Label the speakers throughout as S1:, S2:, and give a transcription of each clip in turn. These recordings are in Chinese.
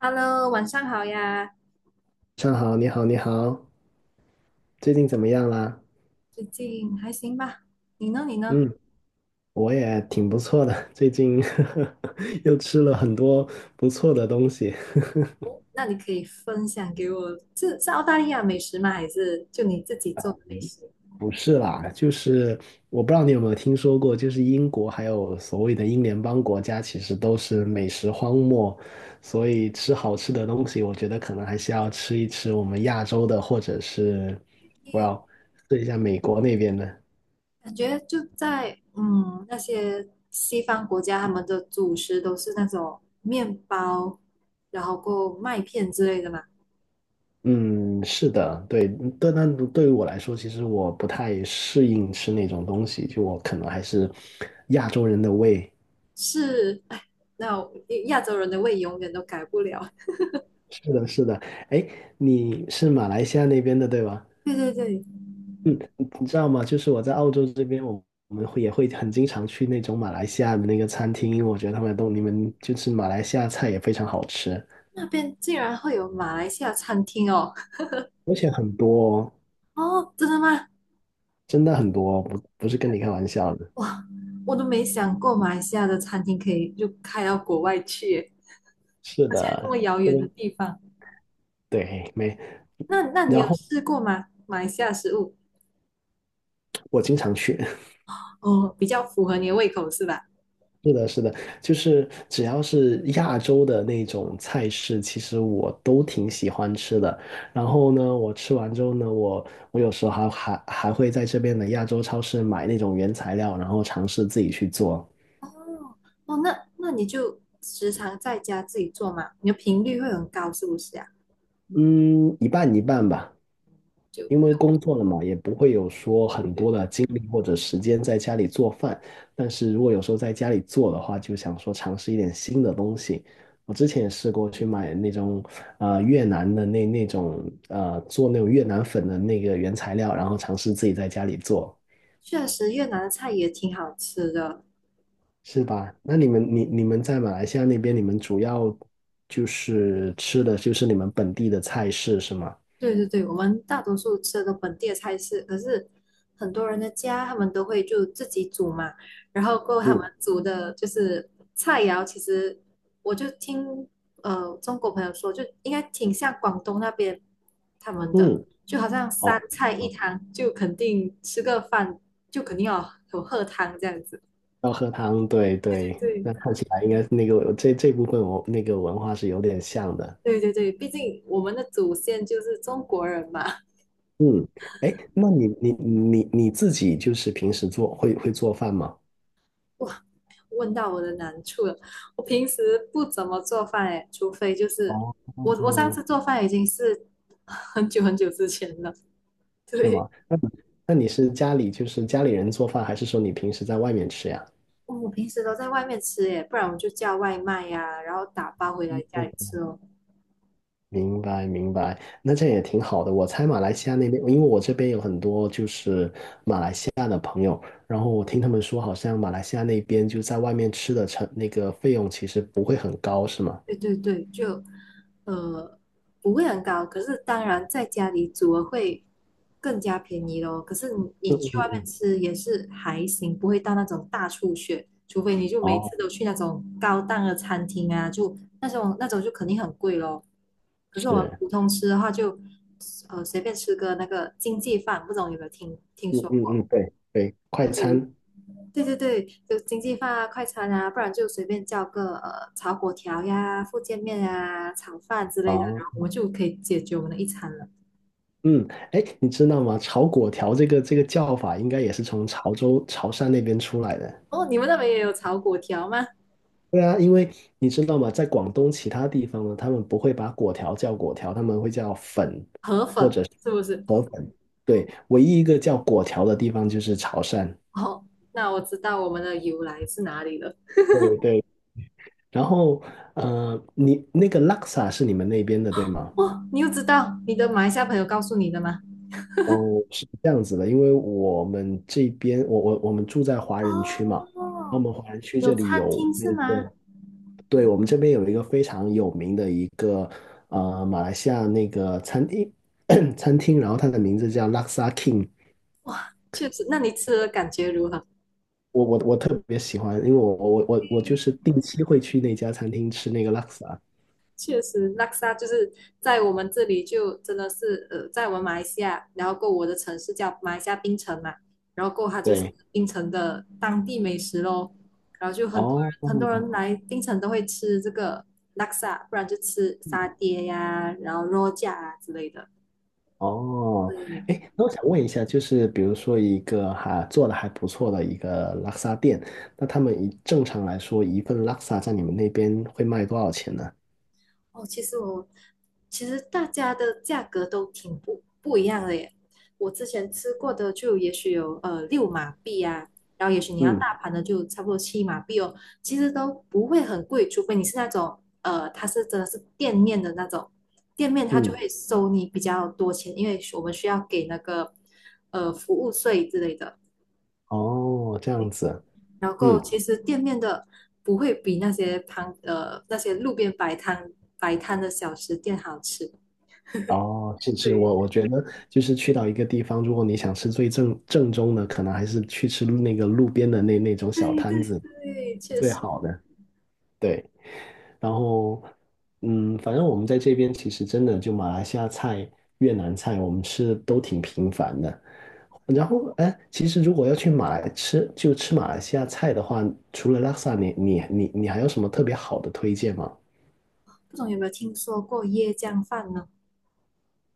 S1: Hello，晚上好呀，
S2: 上好，你好，你好，最近怎么样啦？
S1: 最近还行吧？你呢？你呢？
S2: 嗯，我也挺不错的，最近 又吃了很多不错的东西。
S1: 哦，那你可以分享给我，是澳大利亚美食吗？还是就你自己做的美食？
S2: 不是啦，就是我不知道你有没有听说过，就是英国还有所谓的英联邦国家，其实都是美食荒漠，所以吃好吃的东西，我觉得可能还是要吃一吃我们亚洲的，或者是我
S1: 你
S2: 要试一下美国那边的。
S1: 感觉就在那些西方国家，他们的主食都是那种面包，然后过麦片之类的嘛？
S2: 嗯，是的，对，但对于我来说，其实我不太适应吃那种东西，就我可能还是亚洲人的胃。
S1: 是，哎，那我亚洲人的胃永远都改不了。
S2: 是的，是的，哎，你是马来西亚那边的，对吧？
S1: 对对对，
S2: 嗯，你知道吗？就是我在澳洲这边，我们会也会很经常去那种马来西亚的那个餐厅，因为我觉得他们都你们就是马来西亚菜也非常好吃，
S1: 那边竟然会有马来西亚餐厅哦！
S2: 而且很多哦，
S1: 哦，真的吗？
S2: 真的很多哦，不是跟你开玩笑的。
S1: 哇，我都没想过马来西亚的餐厅可以就开到国外去耶，
S2: 是
S1: 而且还这
S2: 的，
S1: 么遥远的
S2: 对
S1: 地方。
S2: 对，没。
S1: 那你
S2: 然
S1: 有
S2: 后
S1: 试过吗？马来西亚食物
S2: 我经常去，
S1: 哦。比较符合你的胃口是吧？
S2: 是的，是的，就是只要是亚洲的那种菜式，其实我都挺喜欢吃的。然后呢，我吃完之后呢，我有时候还会在这边的亚洲超市买那种原材料，然后尝试自己去做。
S1: 哦哦，那你就时常在家自己做嘛，你的频率会很高是不是啊？
S2: 嗯，一半一半吧。因
S1: 就
S2: 为工作了嘛，也不会有说很多的精力或者时间在家里做饭。但是如果有时候在家里做的话，就想说尝试一点新的东西。我之前也试过去买那种越南的那种做那种越南粉的那个原材料，然后尝试自己在家里做，
S1: 确实越南的菜也挺好吃的，
S2: 是吧？那你们你们在马来西亚那边，你们主要就是吃的就是你们本地的菜式是吗？
S1: 对对对，我们大多数吃的都本地的菜式，可是很多人的家他们都会就自己煮嘛，然后过后他
S2: 嗯
S1: 们煮的就是菜肴，其实我就听中国朋友说，就应该挺像广东那边他们的，
S2: 嗯，
S1: 就好像三
S2: 哦。
S1: 菜一汤，就肯定吃个饭就肯定要有喝汤这样子。
S2: 要喝汤，对
S1: 对
S2: 对，
S1: 对
S2: 那看起来应该是那个这部分我那个文化是有点像的。
S1: 对对对对，毕竟我们的祖先就是中国人嘛。
S2: 嗯，哎，那你自己就是平时做会会做饭吗？
S1: 问到我的难处了。我平时不怎么做饭诶，除非就是我上
S2: 哦，
S1: 次做饭已经是很久很久之前了。
S2: 是
S1: 对，
S2: 吗？那你是家里就是家里人做饭，还是说你平时在外面吃呀？
S1: 我平时都在外面吃诶，不然我就叫外卖呀、然后打包回来家
S2: 哦，
S1: 里吃哦。
S2: 明白明白，那这样也挺好的。我猜马来西亚那边，因为我这边有很多就是西亚的朋友，然后我听他们说，好像马来西亚那边就在外面吃的成那个费用其实不会很高，是吗？
S1: 对对对，就呃不会很高，可是当然在家里煮了会更加便宜咯。可是你去外面吃也是还行，不会到那种大出血，除非你就每
S2: 哦，
S1: 次都去那种高档的餐厅啊，就那种就肯定很贵咯。可是我们
S2: 是，
S1: 普通吃的话就，随便吃个那个经济饭，不知道有没有听
S2: 嗯
S1: 说
S2: 嗯，
S1: 过？
S2: 嗯，对对，快
S1: 对，
S2: 餐。
S1: 对对对，就经济饭啊、快餐啊，不然就随便叫个炒粿条呀、福建面啊、炒饭之类的，
S2: 哦，
S1: 然后我们就可以解决我们的一餐了。
S2: 嗯，哎，你知道吗？炒粿条这个叫法应该也是从潮州、潮汕那边出来的。
S1: 哦，你们那边也有炒粿条吗？
S2: 对啊，因为你知道吗？在广东其他地方呢，他们不会把粿条叫粿条，他们会叫粉
S1: 河
S2: 或
S1: 粉
S2: 者是
S1: 是不是？
S2: 河粉。对，唯一一个叫粿条的地方就是潮汕。
S1: 哦，那我知道我们的由来是哪里了。
S2: 对对。然后，呃，你那个拉萨是你们那边的，对吗？
S1: 哦，你又知道你的马来西亚朋友告诉你的吗？
S2: 哦，是这样子的，因为我们这边，我们住在华人区嘛，我
S1: 哦，
S2: 们华人区
S1: 有
S2: 这里
S1: 餐
S2: 有
S1: 厅是
S2: 那
S1: 吗？
S2: 个，对，我们这边有一个非常有名的一个马来西亚那个餐厅 餐厅，然后它的名字叫 Laksa King，
S1: 哇，确实，那你吃的感觉如何？
S2: 我特别喜欢，因为我就是定期会去那家餐厅吃那个 Laksa，
S1: 确实，拉萨就是在我们这里就真的是，在我们马来西亚，然后过我的城市叫马来西亚槟城嘛，然后过它就是
S2: 对，
S1: 槟城的当地美食咯，然后就很多人
S2: 哦，
S1: 很多人来槟城都会吃这个拉萨，不然就吃沙爹呀，然后肉夹啊之类的。
S2: 哦，
S1: 对，
S2: 哎，那我想问一下，就是比如说一个哈、做的还不错的一个拉萨店，那他们一正常来说一份拉萨在你们那边会卖多少钱呢？
S1: 哦，其实大家的价格都挺不一样的耶。我之前吃过的就也许有6马币啊，然后也许你要
S2: 嗯
S1: 大盘的就差不多7马币哦，其实都不会很贵，除非你是那种它是真的是店面的那种，店面它就
S2: 嗯，
S1: 会收你比较多钱，因为我们需要给那个服务税之类的。
S2: 哦，这样子，
S1: 然后
S2: 嗯，
S1: 其实店面的不会比那些路边摆摊的小食店好吃。
S2: 哦，是是，
S1: 对
S2: 我觉得就是去到一个地方，如果你想吃最正宗的，可能还是去吃那个路边的那种小
S1: 对
S2: 摊
S1: 对
S2: 子
S1: 对，确
S2: 最
S1: 实，
S2: 好的，对。然后，嗯，反正我们在这边其实真的就马来西亚菜、越南菜，我们吃的都挺频繁的。然后，哎，其实如果要去马来吃，就吃马来西亚菜的话，除了拉萨，你还有什么特别好的推荐吗？
S1: 不懂有没有听说过椰浆饭呢？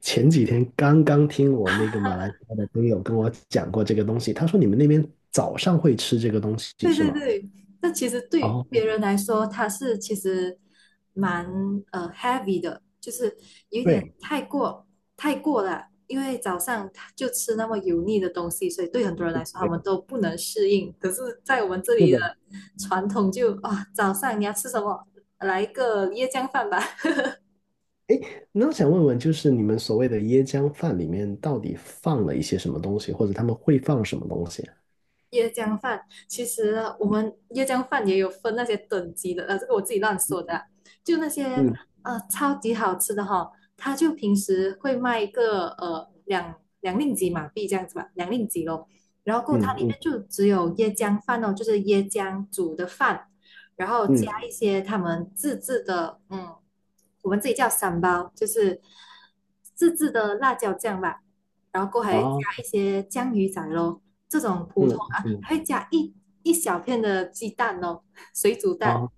S2: 前几天刚刚听我那个马来西亚的朋友跟我讲过这个东西，他说你们那边早上会吃这个东西
S1: 对
S2: 是
S1: 对
S2: 吗？
S1: 对，那其实对别
S2: 哦，
S1: 人来说，它是其实蛮heavy 的，就是有点
S2: 对
S1: 太过了，因为早上他就吃那么油腻的东西，所以对很多人来说，他
S2: 对，
S1: 们都不能适应。可是，在我们这
S2: 是
S1: 里
S2: 的。
S1: 的传统就啊，早上你要吃什么？来一个椰浆饭吧。
S2: 那我想问问，就是你们所谓的椰浆饭里面到底放了一些什么东西，或者他们会放什么东西？
S1: 椰浆饭，其实我们椰浆饭也有分那些等级的，这个我自己乱说的啊就那些
S2: 嗯，
S1: 超级好吃的哈、它就平时会卖一个两令吉马币这样子吧，两令吉咯，然后过后它
S2: 嗯，
S1: 里
S2: 嗯，
S1: 面就只有椰浆饭哦，就是椰浆煮的饭，然后
S2: 嗯，
S1: 加一些他们自制的，我们自己叫三包，就是自制的辣椒酱吧。然后过后还加
S2: 啊，
S1: 一些酱鱼仔咯，这种普
S2: 嗯，
S1: 通啊，
S2: 嗯，
S1: 还会加一小片的鸡蛋哦，水煮蛋，
S2: 啊，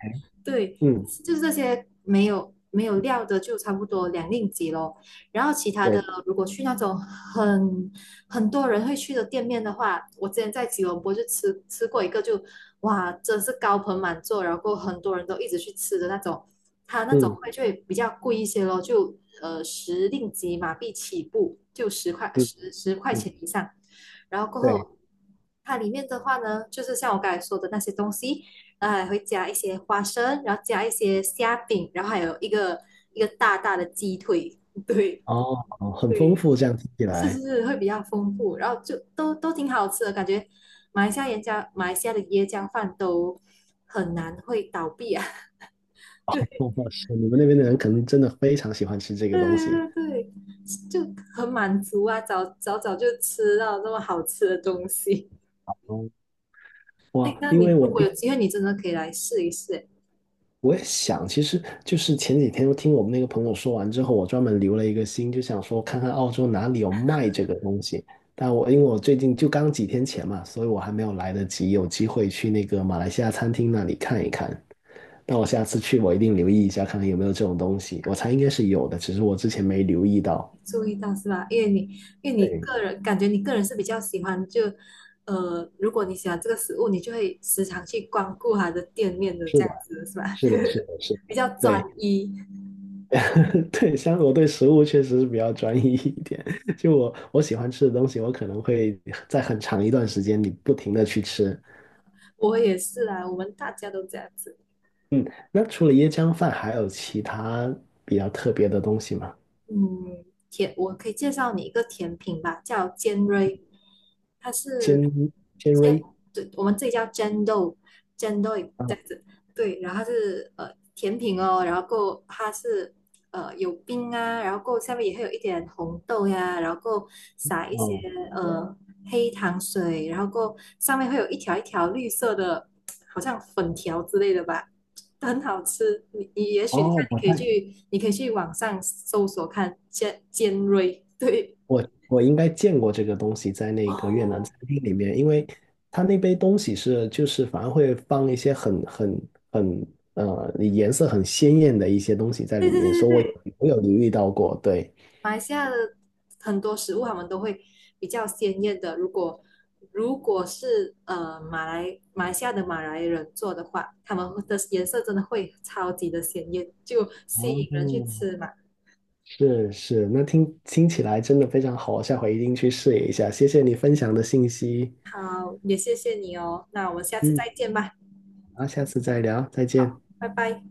S1: 对，
S2: 嗯，
S1: 就是这些没有料的，就差不多两令吉咯。然后其他的，
S2: 对，
S1: 如果去那种很多人会去的店面的话，我之前在吉隆坡就吃过一个就，哇，真是高朋满座，然后很多人都一直去吃的那种，它那种
S2: 嗯，
S1: 会就会比较贵一些咯，就10令吉马币起步，就十块
S2: 嗯，
S1: 十十块
S2: 嗯，
S1: 钱以上，然后过
S2: 对。
S1: 后。它里面的话呢，就是像我刚才说的那些东西，然后还会加一些花生，然后加一些虾饼，然后还有一个大大的鸡腿，对
S2: 哦，很丰
S1: 对，
S2: 富，这样听起
S1: 是
S2: 来。
S1: 是是，会比较丰富，然后就都挺好吃的，感觉马来西亚人家马来西亚的椰浆饭都很难会倒闭啊，
S2: 哦，
S1: 对
S2: 是你们那边的人可能真的非常喜欢吃这个
S1: 对
S2: 东西。
S1: 对对，就很满足啊，早早早就吃到这么好吃的东西。
S2: 哦，
S1: 哎，
S2: 哇，
S1: 那
S2: 因为
S1: 你如
S2: 我
S1: 果
S2: 听
S1: 有机会，你真的可以来试一试。
S2: 我也想，其实就是前几天我听我们那个朋友说完之后，我专门留了一个心，就想说看看澳洲哪里有卖这个东西。但我因为我最近就刚几天前嘛，所以我还没有来得及有机会去那个马来西亚餐厅那里看一看。但我下次去，我一定留意一下，看看有没有这种东西。我猜应该是有的，只是我之前没留意到。
S1: 注意到是吧？因为你
S2: 对，
S1: 个人感觉你个人是比较喜欢如果你喜欢这个食物，你就会时常去光顾它的店面的这
S2: 是的，
S1: 样子是吧？
S2: 是的，是的，是的。
S1: 比较专
S2: 对，
S1: 一，
S2: 对，像我对食物确实是比较专一一点。就我喜欢吃的东西，我可能会在很长一段时间里不停的去吃。
S1: 我也是啊，我们大家都这样子。
S2: 嗯，那除了椰浆饭，还有其他比较特别的东西吗？
S1: 嗯，我可以介绍你一个甜品吧，叫尖锐，它
S2: 尖
S1: 是
S2: 尖
S1: 尖，
S2: 锐
S1: 对，我们这里叫尖豆，
S2: 啊，
S1: 这样子，对，然后它是甜品哦，然后够它是有冰啊，然后够下面也会有一点红豆呀，然后够撒一些
S2: 哦
S1: 呃黑糖水，然后够上面会有一条一条绿色的，好像粉条之类的吧，很好吃。你也许你看，
S2: 哦，我
S1: 你可以
S2: 在
S1: 去，你可以去网上搜索看尖锐，对，
S2: 我应该见过这个东西在那个越南
S1: 哦，
S2: 餐厅里面，因为它那杯东西是就是反而会放一些很很呃颜色很鲜艳的一些东西在
S1: 对
S2: 里
S1: 对
S2: 面，
S1: 对
S2: 所以我
S1: 对
S2: 有
S1: 对，
S2: 我有留意到过，对。
S1: 马来西亚的很多食物他们都会比较鲜艳的。如果是马来西亚的马来人做的话，他们的颜色真的会超级的鲜艳，就吸
S2: 哦，
S1: 引人去吃嘛。
S2: 是是，那听起来真的非常好，我下回一定去试一下。谢谢你分享的信息，
S1: 好，也谢谢你哦，那我们下次
S2: 嗯，
S1: 再见吧，
S2: 好，下次再聊，再见。
S1: 拜拜。